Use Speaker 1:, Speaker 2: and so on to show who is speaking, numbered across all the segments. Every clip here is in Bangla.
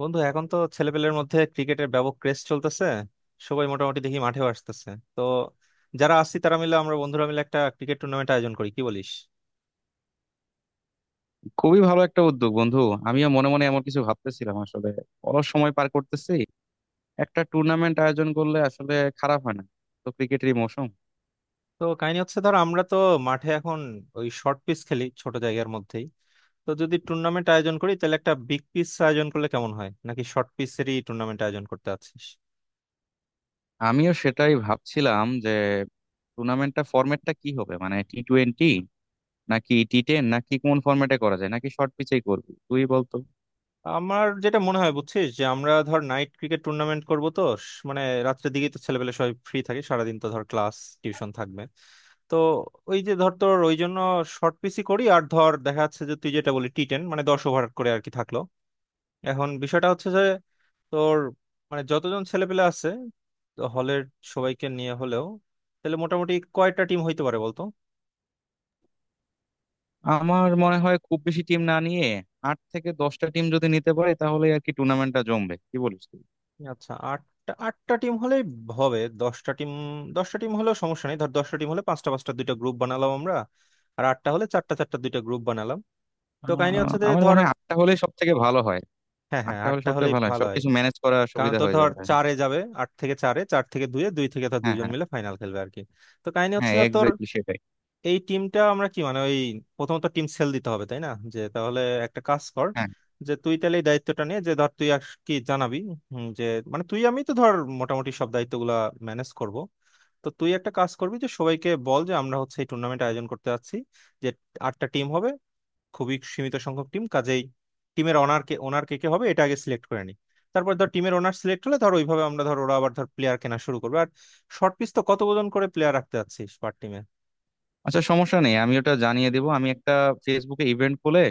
Speaker 1: বন্ধু, এখন তো ছেলেপেলের মধ্যে ক্রিকেটের ব্যাপক ক্রেজ চলতেছে। সবাই মোটামুটি দেখি মাঠেও আসতেছে। তো যারা আসছি তারা মিলে, আমরা বন্ধুরা মিলে একটা ক্রিকেট টুর্নামেন্ট আয়োজন করি, কি বলিস?
Speaker 2: খুবই ভালো একটা উদ্যোগ বন্ধু। আমিও মনে মনে এমন কিছু ভাবতেছিলাম আসলে। অলস সময় পার করতেছি। একটা টুর্নামেন্ট আয়োজন করলে আসলে খারাপ হয় না। তো ক্রিকেটেরই মৌসুম।
Speaker 1: তো কাহিনী হচ্ছে, ধর আমরা তো মাঠে এখন ওই শর্ট পিচ খেলি ছোট জায়গার মধ্যেই। তো যদি টুর্নামেন্ট আয়োজন করি তাহলে একটা বিগ পিচ আয়োজন করলে কেমন হয়, নাকি শর্ট পিচেরই টুর্নামেন্ট আয়োজন করতে আছিস?
Speaker 2: আমিও সেটাই ভাবছিলাম যে টুর্নামেন্টটা ফরম্যাটটা কি হবে, মানে T20 নাকি T10 নাকি কোন ফরম্যাটে করা যায় নাকি শর্ট পিচেই করবি, তুই বলতো।
Speaker 1: আমার যেটা মনে হয় বুঝছিস, যে আমরা ধর নাইট ক্রিকেট টুর্নামেন্ট করব। তো মানে রাত্রের দিকেই তো ছেলেপেলে সবাই ফ্রি থাকে, সারাদিন তো ধর ক্লাস টিউশন থাকবে। তো ওই যে ধর, তোর ওই জন্য শর্ট পিচই করি। আর ধর দেখা যাচ্ছে যে তুই যেটা বলি T10, মানে 10 ওভার করে আর কি থাকলো। এখন বিষয়টা হচ্ছে যে তোর, মানে যতজন ছেলেপেলে আছে হলের, সবাইকে নিয়ে হলেও তাহলে মোটামুটি কয়টা টিম হইতে পারে বলতো?
Speaker 2: আমার মনে হয় খুব বেশি টিম না নিয়ে আট থেকে দশটা টিম যদি নিতে পারে তাহলে আর কি টুর্নামেন্টটা জমবে, কি বলিস তুই?
Speaker 1: আচ্ছা, আটটা আটটা টিম হলেই হবে। দশটা টিম, দশটা টিম হলেও সমস্যা নেই। ধর দশটা টিম হলে পাঁচটা পাঁচটা দুইটা গ্রুপ বানালাম আমরা, আর আটটা হলে চারটা চারটা দুইটা গ্রুপ বানালাম। তো কাহিনী হচ্ছে যে
Speaker 2: আমার
Speaker 1: ধর,
Speaker 2: মনে হয় আটটা হলে সব থেকে ভালো হয়।
Speaker 1: হ্যাঁ হ্যাঁ,
Speaker 2: আটটা হলে
Speaker 1: আটটা
Speaker 2: সবথেকে
Speaker 1: হলেই
Speaker 2: ভালো হয়,
Speaker 1: ভালো হয়।
Speaker 2: সবকিছু ম্যানেজ করা
Speaker 1: কারণ
Speaker 2: সুবিধা
Speaker 1: তো
Speaker 2: হয়ে
Speaker 1: ধর
Speaker 2: যাবে। হ্যাঁ,
Speaker 1: চারে যাবে, আট থেকে চারে, চার থেকে দুয়ে, দুই থেকে ধর
Speaker 2: হ্যাঁ,
Speaker 1: দুইজন
Speaker 2: হ্যাঁ,
Speaker 1: মিলে ফাইনাল খেলবে আর কি। তো কাহিনী হচ্ছে
Speaker 2: হ্যাঁ,
Speaker 1: ধর তোর,
Speaker 2: এক্স্যাক্টলি সেটাই।
Speaker 1: এই টিমটা আমরা কি, মানে ওই প্রথমত টিম সেল দিতে হবে তাই না? যে তাহলে একটা কাজ কর,
Speaker 2: হ্যাঁ।
Speaker 1: যে তুই তাহলে এই দায়িত্বটা নিয়ে, যে ধর তুই আর কি জানাবি। যে মানে তুই আমি তো ধর মোটামুটি সব দায়িত্বগুলা ম্যানেজ করব। তো তুই একটা কাজ করবি যে সবাইকে বল যে আমরা হচ্ছে এই টুর্নামেন্ট আয়োজন করতে যাচ্ছি, যে আটটা টিম হবে, খুবই সীমিত সংখ্যক টিম। কাজেই টিমের অনার কে, ওনার কে কে হবে, এটা আগে সিলেক্ট করে নি। তারপর ধর টিমের ওনার সিলেক্ট হলে ধর ওইভাবে আমরা ধর, ওরা আবার ধর প্লেয়ার কেনা শুরু করবে আর শর্ট পিচ তো কত ওজন করে প্লেয়ার রাখতে চাচ্ছিস পার টিমে?
Speaker 2: আচ্ছা, সমস্যা নেই, আমি ওটা জানিয়ে দেবো। আমি একটা ফেসবুকে ইভেন্ট খুলে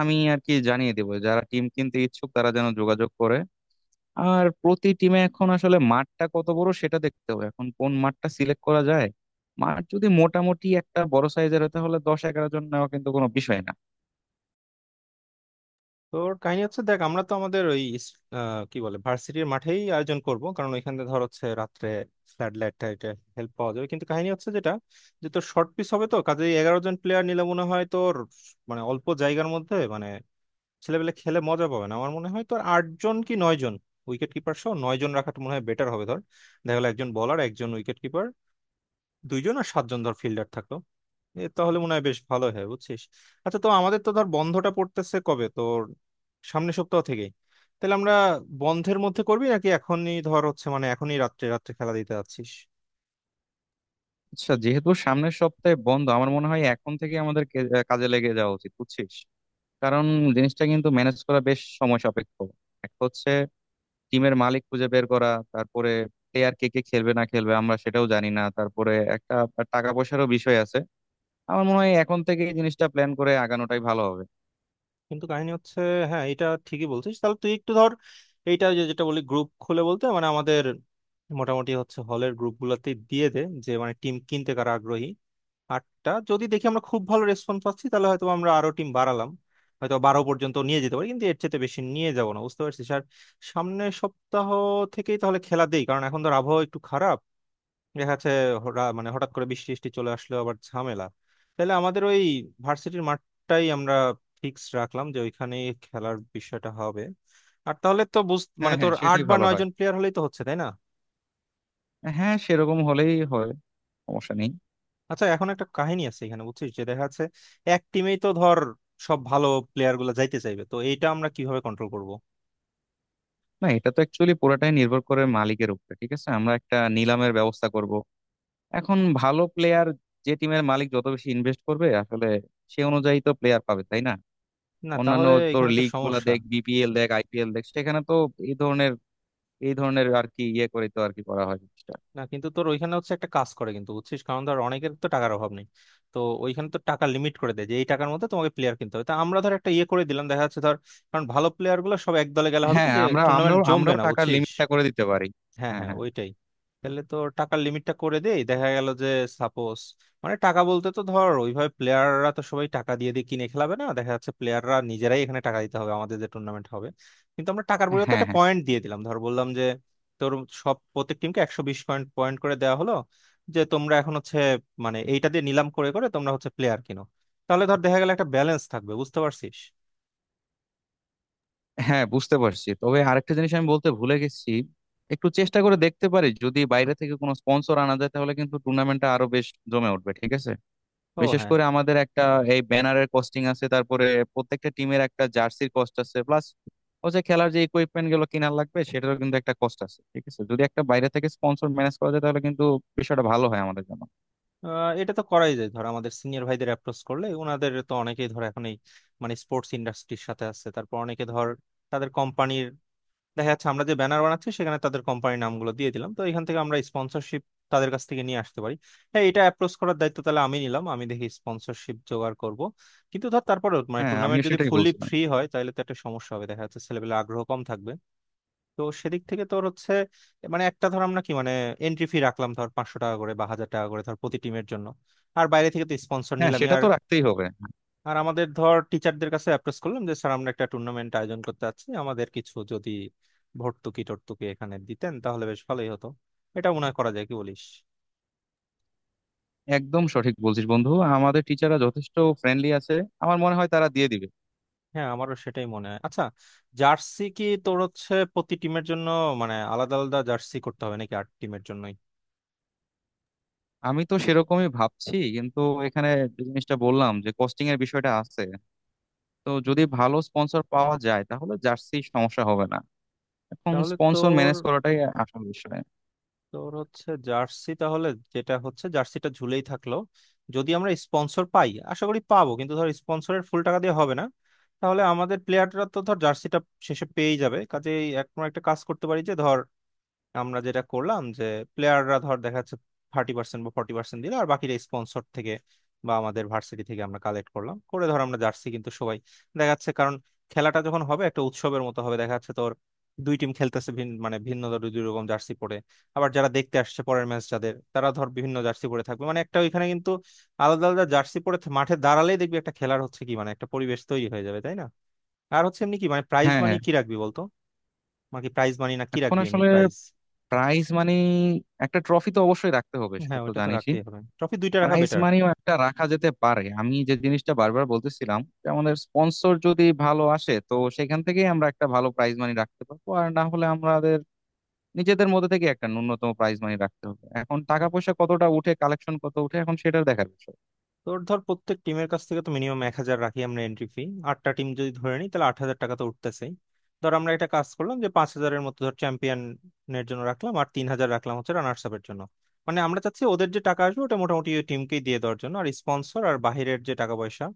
Speaker 2: আমি আর কি জানিয়ে দেবো যারা টিম কিনতে ইচ্ছুক তারা যেন যোগাযোগ করে। আর প্রতি টিমে এখন আসলে মাঠটা কত বড় সেটা দেখতে হবে, এখন কোন মাঠটা সিলেক্ট করা যায়। মাঠ যদি মোটামুটি একটা বড় সাইজের হয় তাহলে দশ এগারো জন নেওয়া কিন্তু কোনো বিষয় না।
Speaker 1: তোর কাহিনী হচ্ছে দেখ, আমরা তো আমাদের ওই কি বলে, ভার্সিটির মাঠেই আয়োজন করব, কারণ ওইখানে ধর হচ্ছে রাত্রে স্যাটেলাইট হেল্প পাওয়া যাবে। কিন্তু কাহিনী হচ্ছে যেটা, যে তোর শর্ট পিস হবে, তো কাজেই 11 জন প্লেয়ার নিলে মনে হয় তোর, মানে অল্প জায়গার মধ্যে, মানে ছেলেপেলে খেলে মজা পাবে না। আমার মনে হয় তোর আট জন কি নয় জন, উইকেট কিপার সহ নয় জন রাখাটা মনে হয় বেটার হবে। ধর দেখা গেলো একজন বলার, একজন উইকেট কিপার দুইজন, আর সাতজন ধর ফিল্ডার থাকলো। এ তাহলে মনে হয় বেশ ভালো হয়, বুঝছিস। আচ্ছা, তো আমাদের তো ধর বন্ধটা পড়তেছে কবে তোর, সামনের সপ্তাহ থেকেই। তাহলে আমরা বন্ধের মধ্যে করবি, নাকি এখনই ধর হচ্ছে, মানে এখনই রাত্রে রাত্রে খেলা দিতে যাচ্ছিস?
Speaker 2: আচ্ছা, যেহেতু সামনের সপ্তাহে বন্ধ আমার মনে হয় এখন থেকে আমাদের কাজে লেগে যাওয়া উচিত বুঝছিস। কারণ জিনিসটা কিন্তু ম্যানেজ করা বেশ সময় সাপেক্ষ। এক হচ্ছে টিমের মালিক খুঁজে বের করা, তারপরে প্লেয়ার কে কে খেলবে না খেলবে আমরা সেটাও জানি না, তারপরে একটা টাকা পয়সারও বিষয় আছে। আমার মনে হয় এখন থেকে এই জিনিসটা প্ল্যান করে আগানোটাই ভালো হবে।
Speaker 1: কিন্তু কাহিনী হচ্ছে, হ্যাঁ এটা ঠিকই বলছিস। তাহলে তুই একটু ধর, এইটা যেটা বলি গ্রুপ খুলে বলতে, মানে আমাদের মোটামুটি হচ্ছে হলের গ্রুপ গুলাতে দিয়ে দে, যে মানে টিম কিনতে কারা আগ্রহী। আটটা যদি দেখি আমরা খুব ভালো রেসপন্স পাচ্ছি, তাহলে হয়তো আমরা আরো টিম বাড়ালাম, হয়তো 12 পর্যন্ত নিয়ে যেতে পারি, কিন্তু এর চেয়ে বেশি নিয়ে যাব না বুঝতে পারছিস। আর সামনের সপ্তাহ থেকেই তাহলে খেলা দেই, কারণ এখন ধর আবহাওয়া একটু খারাপ, দেখা যাচ্ছে মানে হঠাৎ করে বৃষ্টি টিষ্টি চলে আসলো আবার ঝামেলা। তাহলে আমাদের ওই ভার্সিটির মাঠটাই আমরা ফিক্স রাখলাম, যে ওইখানেই খেলার বিষয়টা হবে। আর তাহলে তো বুঝ,
Speaker 2: হ্যাঁ,
Speaker 1: মানে তোর
Speaker 2: হ্যাঁ,
Speaker 1: আট
Speaker 2: সেটাই
Speaker 1: বা
Speaker 2: ভালো
Speaker 1: নয়
Speaker 2: হয়।
Speaker 1: জন প্লেয়ার হলেই তো হচ্ছে তাই না।
Speaker 2: হ্যাঁ, সেরকম হলেই হয়, সমস্যা নেই।
Speaker 1: আচ্ছা, এখন একটা কাহিনী আছে এখানে বুঝছিস, যে দেখা যাচ্ছে এক টিমেই তো ধর সব ভালো প্লেয়ার গুলো যাইতে চাইবে, তো এইটা আমরা কিভাবে কন্ট্রোল করব?
Speaker 2: না, এটা তো অ্যাকচুয়ালি পুরোটাই নির্ভর করে মালিকের উপরে। ঠিক আছে, আমরা একটা নিলামের ব্যবস্থা করব। এখন ভালো প্লেয়ার, যে টিমের মালিক যত বেশি ইনভেস্ট করবে আসলে সে অনুযায়ী তো প্লেয়ার পাবে, তাই না?
Speaker 1: না
Speaker 2: অন্যান্য
Speaker 1: তাহলে
Speaker 2: তোর
Speaker 1: এখানে তো
Speaker 2: লিগ গুলা
Speaker 1: সমস্যা।
Speaker 2: দেখ, বিপিএল দেখ, আইপিএল দেখ, সেখানে তো এই ধরনের আর কি ইয়ে করে তো আর কি করা হয় জিনিসটা।
Speaker 1: না কিন্তু তোর ওইখানে হচ্ছে একটা কাজ করে কিন্তু, বুঝছিস, কারণ ধর অনেকের তো টাকার অভাব নেই। তো ওইখানে তো টাকা লিমিট করে দেয়, যে এই টাকার মধ্যে তোমাকে প্লেয়ার কিনতে হবে। তা আমরা ধর একটা ইয়ে করে দিলাম, দেখা যাচ্ছে ধর, কারণ ভালো প্লেয়ার গুলো সব এক দলে গেলে হবে কি
Speaker 2: হ্যাঁ,
Speaker 1: যে
Speaker 2: আমরা
Speaker 1: টুর্নামেন্ট
Speaker 2: আমরাও
Speaker 1: জমবে
Speaker 2: আমরাও
Speaker 1: না
Speaker 2: টাকার
Speaker 1: বুঝছিস।
Speaker 2: লিমিটটা করে দিতে পারি।
Speaker 1: হ্যাঁ
Speaker 2: হ্যাঁ,
Speaker 1: হ্যাঁ,
Speaker 2: হ্যাঁ।
Speaker 1: ওইটাই। তাহলে তো টাকার লিমিটটা করে দেই, দেখা গেল যে সাপোজ, মানে টাকা বলতে তো ধর ওইভাবে প্লেয়াররা তো সবাই টাকা দিয়ে দিয়ে কিনে খেলাবে না, দেখা যাচ্ছে প্লেয়াররা নিজেরাই এখানে টাকা দিতে হবে আমাদের যে টুর্নামেন্ট হবে। কিন্তু আমরা টাকার পরিবর্তে
Speaker 2: হ্যাঁ,
Speaker 1: একটা
Speaker 2: হ্যাঁ।
Speaker 1: পয়েন্ট দিয়ে দিলাম ধর, বললাম যে তোর সব প্রত্যেক টিমকে একশো বিশ পয়েন্ট পয়েন্ট করে দেওয়া হলো, যে তোমরা এখন হচ্ছে, মানে এইটা দিয়ে নিলাম করে করে তোমরা হচ্ছে প্লেয়ার কিনো। তাহলে ধর দেখা গেল একটা ব্যালেন্স থাকবে, বুঝতে পারছিস।
Speaker 2: হ্যাঁ, বুঝতে পারছি, তবে আরেকটা জিনিস আমি বলতে ভুলে গেছি। একটু চেষ্টা করে দেখতে পারি যদি বাইরে থেকে কোনো স্পন্সর আনা যায় তাহলে কিন্তু টুর্নামেন্টটা আরো বেশ জমে উঠবে, ঠিক আছে।
Speaker 1: ও
Speaker 2: বিশেষ
Speaker 1: হ্যাঁ,
Speaker 2: করে আমাদের একটা এই ব্যানারের কস্টিং আছে, তারপরে প্রত্যেকটা টিমের একটা জার্সির কস্ট আছে, প্লাস হচ্ছে খেলার যে ইকুইপমেন্ট গুলো কেনার লাগবে সেটারও কিন্তু একটা কস্ট আছে। ঠিক আছে, যদি একটা বাইরে থেকে স্পন্সর ম্যানেজ করা যায় তাহলে কিন্তু বিষয়টা ভালো হয় আমাদের জন্য।
Speaker 1: এটা তো করাই যায় ধর। আমাদের সিনিয়র ভাইদের অ্যাপ্রোচ করলে, ওনাদের তো অনেকেই ধর এখন এই, মানে স্পোর্টস ইন্ডাস্ট্রির সাথে আছে। তারপর অনেকে ধর তাদের কোম্পানির, দেখা যাচ্ছে আমরা যে ব্যানার বানাচ্ছি সেখানে তাদের কোম্পানির নামগুলো দিয়ে দিলাম, তো এখান থেকে আমরা স্পন্সরশিপ তাদের কাছ থেকে নিয়ে আসতে পারি। হ্যাঁ, এটা অ্যাপ্রোচ করার দায়িত্ব তাহলে আমি নিলাম, আমি দেখি স্পন্সরশিপ জোগাড় করব। কিন্তু ধর তারপরে, মানে
Speaker 2: হ্যাঁ,
Speaker 1: টুর্নামেন্ট
Speaker 2: আমিও
Speaker 1: যদি
Speaker 2: সেটাই
Speaker 1: ফুললি
Speaker 2: বলছিলাম।
Speaker 1: ফ্রি হয় তাহলে তো একটা সমস্যা হবে, দেখা যাচ্ছে ছেলেপেলে আগ্রহ কম থাকবে। তো সেদিক থেকে তোর হচ্ছে, মানে একটা ধর আমরা কি মানে এন্ট্রি ফি রাখলাম ধর 500 টাকা করে বা হাজার টাকা করে ধর প্রতি টিমের জন্য। আর বাইরে থেকে তো স্পন্সর
Speaker 2: হ্যাঁ,
Speaker 1: নিলামই।
Speaker 2: সেটা
Speaker 1: আর
Speaker 2: তো রাখতেই হবে।
Speaker 1: আর আমাদের ধর টিচারদের কাছে অ্যাপ্রোচ করলাম, যে স্যার আমরা একটা টুর্নামেন্ট আয়োজন করতে চাচ্ছি, আমাদের কিছু যদি ভর্তুকি টর্তুকি এখানে দিতেন তাহলে বেশ ভালোই হতো। এটা মনে হয় করা যায়, কি বলিস?
Speaker 2: একদম সঠিক বলছিস বন্ধু। আমাদের টিচাররা যথেষ্ট ফ্রেন্ডলি আছে। আমার মনে হয় তারা দিয়ে দিবে।
Speaker 1: হ্যাঁ, আমারও সেটাই মনে হয়। আচ্ছা, জার্সি কি তোর হচ্ছে প্রতি টিমের জন্য, মানে আলাদা আলাদা জার্সি করতে হবে নাকি আট টিমের জন্যই?
Speaker 2: আমি তো সেরকমই ভাবছি, কিন্তু এখানে যে জিনিসটা বললাম যে কস্টিং এর বিষয়টা আছে। তো
Speaker 1: হুম।
Speaker 2: যদি ভালো স্পন্সর পাওয়া যায় তাহলে জার্সি সমস্যা হবে না। এখন
Speaker 1: তাহলে
Speaker 2: স্পন্সর
Speaker 1: তোর,
Speaker 2: ম্যানেজ করাটাই আসল বিষয়।
Speaker 1: তোর হচ্ছে জার্সি তাহলে, যেটা হচ্ছে জার্সিটা ঝুলেই থাকলো। যদি আমরা স্পন্সর পাই, আশা করি পাবো, কিন্তু ধর স্পন্সরের ফুল টাকা দিয়ে হবে না, তাহলে আমাদের প্লেয়াররা তো ধর জার্সিটা শেষে পেয়েই যাবে। কাজেই এক আমরা একটা কাজ করতে পারি যে ধর, আমরা যেটা করলাম যে প্লেয়াররা ধর দেখা যাচ্ছে 30% বা 40% দিল, আর বাকিটা স্পন্সর থেকে বা আমাদের ভার্সিটি থেকে আমরা কালেক্ট করলাম করে ধর আমরা জার্সি কিন্তু সবাই দেখা যাচ্ছে। কারণ খেলাটা যখন হবে একটা উৎসবের মতো হবে, দেখা যাচ্ছে তোর দুই টিম খেলতেছে ভিন্ন, মানে ভিন্ন ধর দুই দুই রকম জার্সি পরে, আবার যারা দেখতে আসছে পরের ম্যাচ যাদের তারা ধর বিভিন্ন জার্সি পরে থাকবে, মানে একটা ওইখানে কিন্তু আলাদা আলাদা জার্সি পরে মাঠে দাঁড়ালেই দেখবি একটা খেলার হচ্ছে কি, মানে একটা পরিবেশ তৈরি হয়ে যাবে তাই না। আর হচ্ছে এমনি কি, মানে প্রাইজ মানি
Speaker 2: হ্যাঁ।
Speaker 1: কি রাখবি বলতো? মানে কি প্রাইজ মানি না কি
Speaker 2: এখন
Speaker 1: রাখবি এমনি
Speaker 2: আসলে
Speaker 1: প্রাইজ?
Speaker 2: প্রাইজ মানি, একটা ট্রফি তো অবশ্যই রাখতে হবে, সেটা
Speaker 1: হ্যাঁ,
Speaker 2: তো
Speaker 1: ওটা তো
Speaker 2: জানিসই।
Speaker 1: রাখতেই হবে, ট্রফি দুইটা রাখা
Speaker 2: প্রাইজ
Speaker 1: বেটার।
Speaker 2: মানিও একটা রাখা যেতে পারে, আমি যে জিনিসটা বারবার বলতেছিলাম যে আমাদের স্পন্সর যদি ভালো আসে তো সেখান থেকেই আমরা একটা ভালো প্রাইজ মানি রাখতে পারবো, আর না হলে আমাদের নিজেদের মধ্যে থেকে একটা ন্যূনতম প্রাইজ মানি রাখতে হবে। এখন টাকা পয়সা কতটা উঠে, কালেকশন কত উঠে, এখন সেটার দেখার বিষয়।
Speaker 1: তোর ধর প্রত্যেক টিমের কাছ থেকে তো মিনিমাম 1,000 রাখি আমরা এন্ট্রি ফি। আটটা টিম যদি ধরে নিই তাহলে 8,000 টাকা তো উঠতেছেই। ধর আমরা একটা কাজ করলাম যে 5,000-এর মতো ধর চ্যাম্পিয়নের জন্য রাখলাম, আর 3,000 রাখলাম হচ্ছে রানার্স আপের জন্য। মানে আমরা চাচ্ছি ওদের যে টাকা আসবে ওটা মোটামুটি ওই টিমকেই দিয়ে দেওয়ার জন্য, আর স্পন্সর আর বাহিরের যে টাকা পয়সা,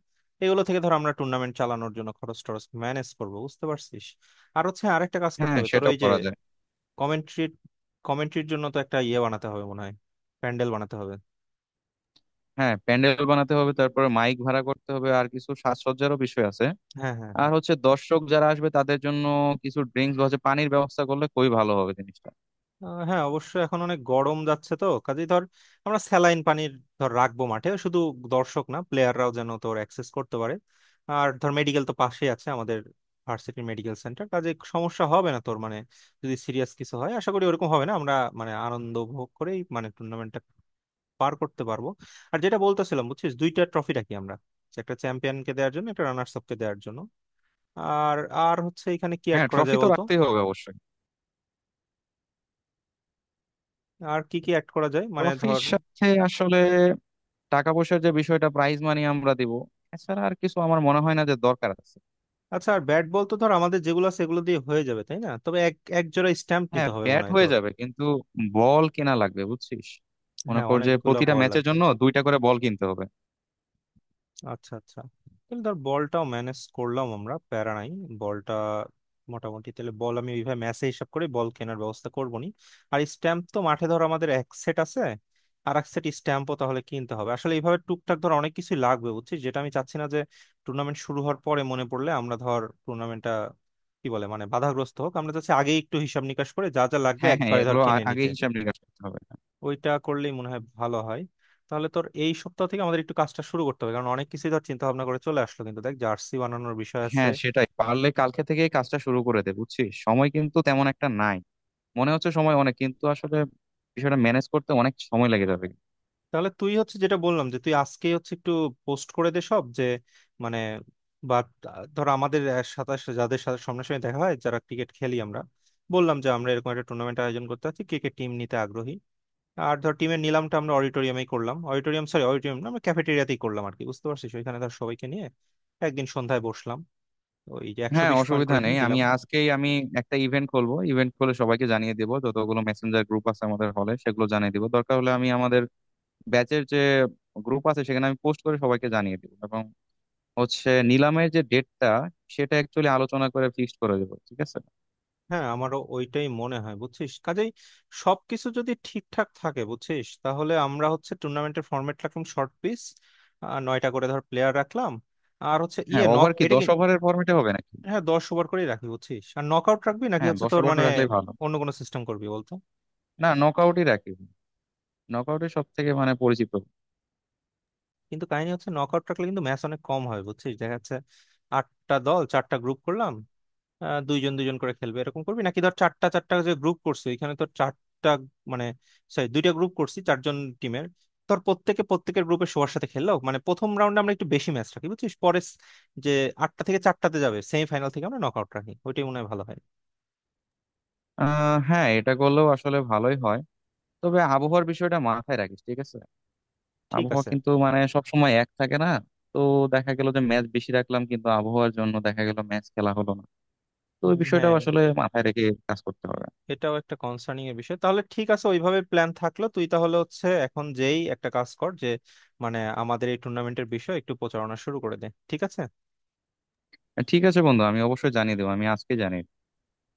Speaker 1: এগুলো থেকে ধর আমরা টুর্নামেন্ট চালানোর জন্য খরচ টরচ ম্যানেজ করবো, বুঝতে পারছিস। আর হচ্ছে আরেকটা কাজ করতে
Speaker 2: হ্যাঁ,
Speaker 1: হবে তোর,
Speaker 2: সেটাও
Speaker 1: ওই যে
Speaker 2: করা যায়।
Speaker 1: কমেন্ট্রি, কমেন্ট্রির জন্য তো একটা ইয়ে বানাতে হবে মনে হয়, প্যান্ডেল বানাতে হবে।
Speaker 2: হ্যাঁ, প্যান্ডেল বানাতে হবে, তারপরে মাইক ভাড়া করতে হবে, আর কিছু সাজসজ্জারও বিষয় আছে।
Speaker 1: হ্যাঁ হ্যাঁ
Speaker 2: আর
Speaker 1: হ্যাঁ।
Speaker 2: হচ্ছে দর্শক যারা আসবে তাদের জন্য কিছু ড্রিঙ্কস বা হচ্ছে পানির ব্যবস্থা করলে খুবই ভালো হবে জিনিসটা।
Speaker 1: হ্যাঁ অবশ্য এখন অনেক গরম যাচ্ছে, তো কাজেই ধর আমরা স্যালাইন পানির ধর রাখবো মাঠে, শুধু দর্শক না প্লেয়াররাও যেন তোর অ্যাক্সেস করতে পারে। আর ধর মেডিকেল তো পাশেই আছে আমাদের, ভার্সিটি মেডিকেল সেন্টার, কাজে সমস্যা হবে না তোর। মানে যদি সিরিয়াস কিছু হয়, আশা করি ওরকম হবে না, আমরা মানে আনন্দ উপভোগ করেই মানে টুর্নামেন্টটা পার করতে পারবো। আর যেটা বলতেছিলাম বুঝছিস, দুইটা ট্রফি রাখি আমরা, একটা চ্যাম্পিয়নকে দেওয়ার জন্য, একটা রানার্স আপকে দেওয়ার জন্য। আর আর হচ্ছে এখানে কি অ্যাড
Speaker 2: হ্যাঁ,
Speaker 1: করা
Speaker 2: ট্রফি
Speaker 1: যায়
Speaker 2: তো
Speaker 1: বলতো?
Speaker 2: রাখতেই হবে অবশ্যই।
Speaker 1: আর কি কি অ্যাড করা যায়, মানে
Speaker 2: ট্রফির
Speaker 1: ধর?
Speaker 2: সাথে আসলে টাকা পয়সার যে বিষয়টা, প্রাইজ মানি, আমরা দিব। এছাড়া আর কিছু আমার মনে হয় না যে দরকার আছে।
Speaker 1: আচ্ছা, আর ব্যাট বল তো ধর আমাদের যেগুলো আছে সেগুলো দিয়ে হয়ে যাবে তাই না, তবে এক এক জোড়া স্ট্যাম্প
Speaker 2: হ্যাঁ,
Speaker 1: নিতে হবে মনে
Speaker 2: ব্যাট
Speaker 1: হয়
Speaker 2: হয়ে
Speaker 1: তোর।
Speaker 2: যাবে কিন্তু বল কেনা লাগবে বুঝছিস। মনে
Speaker 1: হ্যাঁ,
Speaker 2: কর যে
Speaker 1: অনেকগুলো
Speaker 2: প্রতিটা
Speaker 1: বল
Speaker 2: ম্যাচের
Speaker 1: লাগবে।
Speaker 2: জন্য দুইটা করে বল কিনতে হবে।
Speaker 1: আচ্ছা আচ্ছা, তাহলে ধর বলটাও ম্যানেজ করলাম আমরা, প্যারা নাই। বলটা মোটামুটি তাহলে বল আমি ওইভাবে ম্যাচে হিসাব করে বল কেনার ব্যবস্থা করবো নি। আর স্ট্যাম্প তো মাঠে ধর আমাদের এক সেট আছে, আর এক সেট স্ট্যাম্পও তাহলে কিনতে হবে। আসলে এইভাবে টুকটাক ধর অনেক কিছু লাগবে বুঝছিস, যেটা আমি চাচ্ছি না যে টুর্নামেন্ট শুরু হওয়ার পরে মনে পড়লে আমরা ধর টুর্নামেন্টটা কি বলে মানে বাধাগ্রস্ত হোক। আমরা চাচ্ছি আগেই একটু হিসাব নিকাশ করে, যা যা লাগবে
Speaker 2: হ্যাঁ, হ্যাঁ,
Speaker 1: একবারে ধর
Speaker 2: এগুলো
Speaker 1: কিনে
Speaker 2: আগে
Speaker 1: নিতে।
Speaker 2: হিসাব নিকাশ করতে হবে।
Speaker 1: ওইটা করলেই মনে হয় ভালো হয়। তাহলে তোর এই সপ্তাহ থেকে আমাদের একটু কাজটা শুরু করতে হবে, কারণ অনেক কিছু ধর চিন্তা ভাবনা করে চলে আসলো কিন্তু দেখ, জার্সি বানানোর বিষয় আছে।
Speaker 2: হ্যাঁ, সেটাই, পারলে কালকে থেকেই কাজটা শুরু করে দে বুঝছিস, সময় কিন্তু তেমন একটা নাই। মনে হচ্ছে সময় অনেক কিন্তু আসলে বিষয়টা ম্যানেজ করতে অনেক সময় লেগে যাবে।
Speaker 1: তাহলে তুই হচ্ছে যেটা বললাম, যে তুই আজকেই হচ্ছে একটু পোস্ট করে দে সব, যে মানে, বা ধর আমাদের সাথে যাদের সাথে সামনাসামনি দেখা হয়, যারা ক্রিকেট খেলি আমরা, বললাম যে আমরা এরকম একটা টুর্নামেন্ট আয়োজন করতে চাচ্ছি, কে কে টিম নিতে আগ্রহী। আর ধর টিমের নিলামটা আমরা অডিটোরিয়ামেই করলাম, অডিটোরিয়াম সরি, অডিটোরিয়াম না আমরা ক্যাফেটেরিয়াতেই করলাম আর কি, বুঝতে পারছিস, ওইখানে ধর সবাইকে নিয়ে একদিন সন্ধ্যায় বসলাম, ওই যে একশো
Speaker 2: হ্যাঁ,
Speaker 1: বিশ পয়েন্ট
Speaker 2: অসুবিধা
Speaker 1: করে
Speaker 2: নেই,
Speaker 1: দিয়ে
Speaker 2: আমি
Speaker 1: দিলাম।
Speaker 2: আজকেই আমি একটা ইভেন্ট খুলবো, ইভেন্ট খুলে সবাইকে জানিয়ে দেবো, যতগুলো মেসেঞ্জার গ্রুপ আছে আমাদের হলে সেগুলো জানিয়ে দেবো, দরকার হলে আমি আমাদের ব্যাচের যে গ্রুপ আছে সেখানে আমি পোস্ট করে সবাইকে জানিয়ে দেবো এবং হচ্ছে নিলামের যে ডেটটা সেটা অ্যাকচুয়ালি আলোচনা করে ফিক্সড করে দেবো, ঠিক আছে।
Speaker 1: হ্যাঁ, আমারও ওইটাই মনে হয় বুঝছিস। কাজেই সবকিছু যদি ঠিকঠাক থাকে বুঝছিস, তাহলে আমরা হচ্ছে টুর্নামেন্টের ফরম্যাট রাখলাম শর্ট পিচ, আর নয়টা করে ধর প্লেয়ার রাখলাম, আর হচ্ছে ইয়ে
Speaker 2: হ্যাঁ,
Speaker 1: নক,
Speaker 2: ওভার কি
Speaker 1: এটা কি?
Speaker 2: 10 ওভারের ফর্মেটে হবে নাকি?
Speaker 1: হ্যাঁ, 10 ওভার করেই রাখি বুঝছিস। আর নক আউট রাখবি, নাকি
Speaker 2: হ্যাঁ,
Speaker 1: হচ্ছে
Speaker 2: দশ
Speaker 1: তোর
Speaker 2: ওভার
Speaker 1: মানে
Speaker 2: করে রাখলেই ভালো।
Speaker 1: অন্য কোনো সিস্টেম করবি বলতো?
Speaker 2: না, নকআউটই রাখি। নকআউটই সব থেকে মানে পরিচিত।
Speaker 1: কিন্তু কাহিনী হচ্ছে নক আউট রাখলে কিন্তু ম্যাচ অনেক কম হয় বুঝছিস, দেখা যাচ্ছে আটটা দল চারটা গ্রুপ করলাম, দুইজন দুইজন করে খেলবে এরকম করবি, নাকি ধর চারটা চারটা যে গ্রুপ করছি এখানে তো চারটা, মানে সরি দুইটা গ্রুপ করছি চারজন টিমের। তোর প্রত্যেকে প্রত্যেকের গ্রুপে সবার সাথে খেললো, মানে প্রথম রাউন্ডে আমরা একটু বেশি ম্যাচ রাখি বুঝছিস, পরে যে আটটা থেকে চারটাতে যাবে সেমিফাইনাল থেকে আমরা নকআউট রাখি, ওইটাই মনে হয় ভালো হয়।
Speaker 2: হ্যাঁ, এটা করলেও আসলে ভালোই হয়। তবে আবহাওয়ার বিষয়টা মাথায় রাখিস, ঠিক আছে।
Speaker 1: ঠিক
Speaker 2: আবহাওয়া
Speaker 1: আছে।
Speaker 2: কিন্তু মানে সব সময় এক থাকে না। তো দেখা গেল যে ম্যাচ বেশি রাখলাম কিন্তু আবহাওয়ার জন্য দেখা গেল ম্যাচ খেলা হলো না। তো ওই বিষয়টাও
Speaker 1: হ্যাঁ,
Speaker 2: আসলে মাথায় রেখে কাজ করতে হবে।
Speaker 1: এটাও একটা কনসার্নিং এর বিষয়। তাহলে ঠিক আছে ওইভাবে প্ল্যান থাকলো। তুই তাহলে হচ্ছে এখন যেই একটা কাজ কর, যে মানে আমাদের এই টুর্নামেন্টের বিষয় একটু প্রচারণা শুরু করে দে ঠিক আছে।
Speaker 2: ঠিক আছে বন্ধু, আমি অবশ্যই জানিয়ে দেবো। আমি আজকে জানিয়ে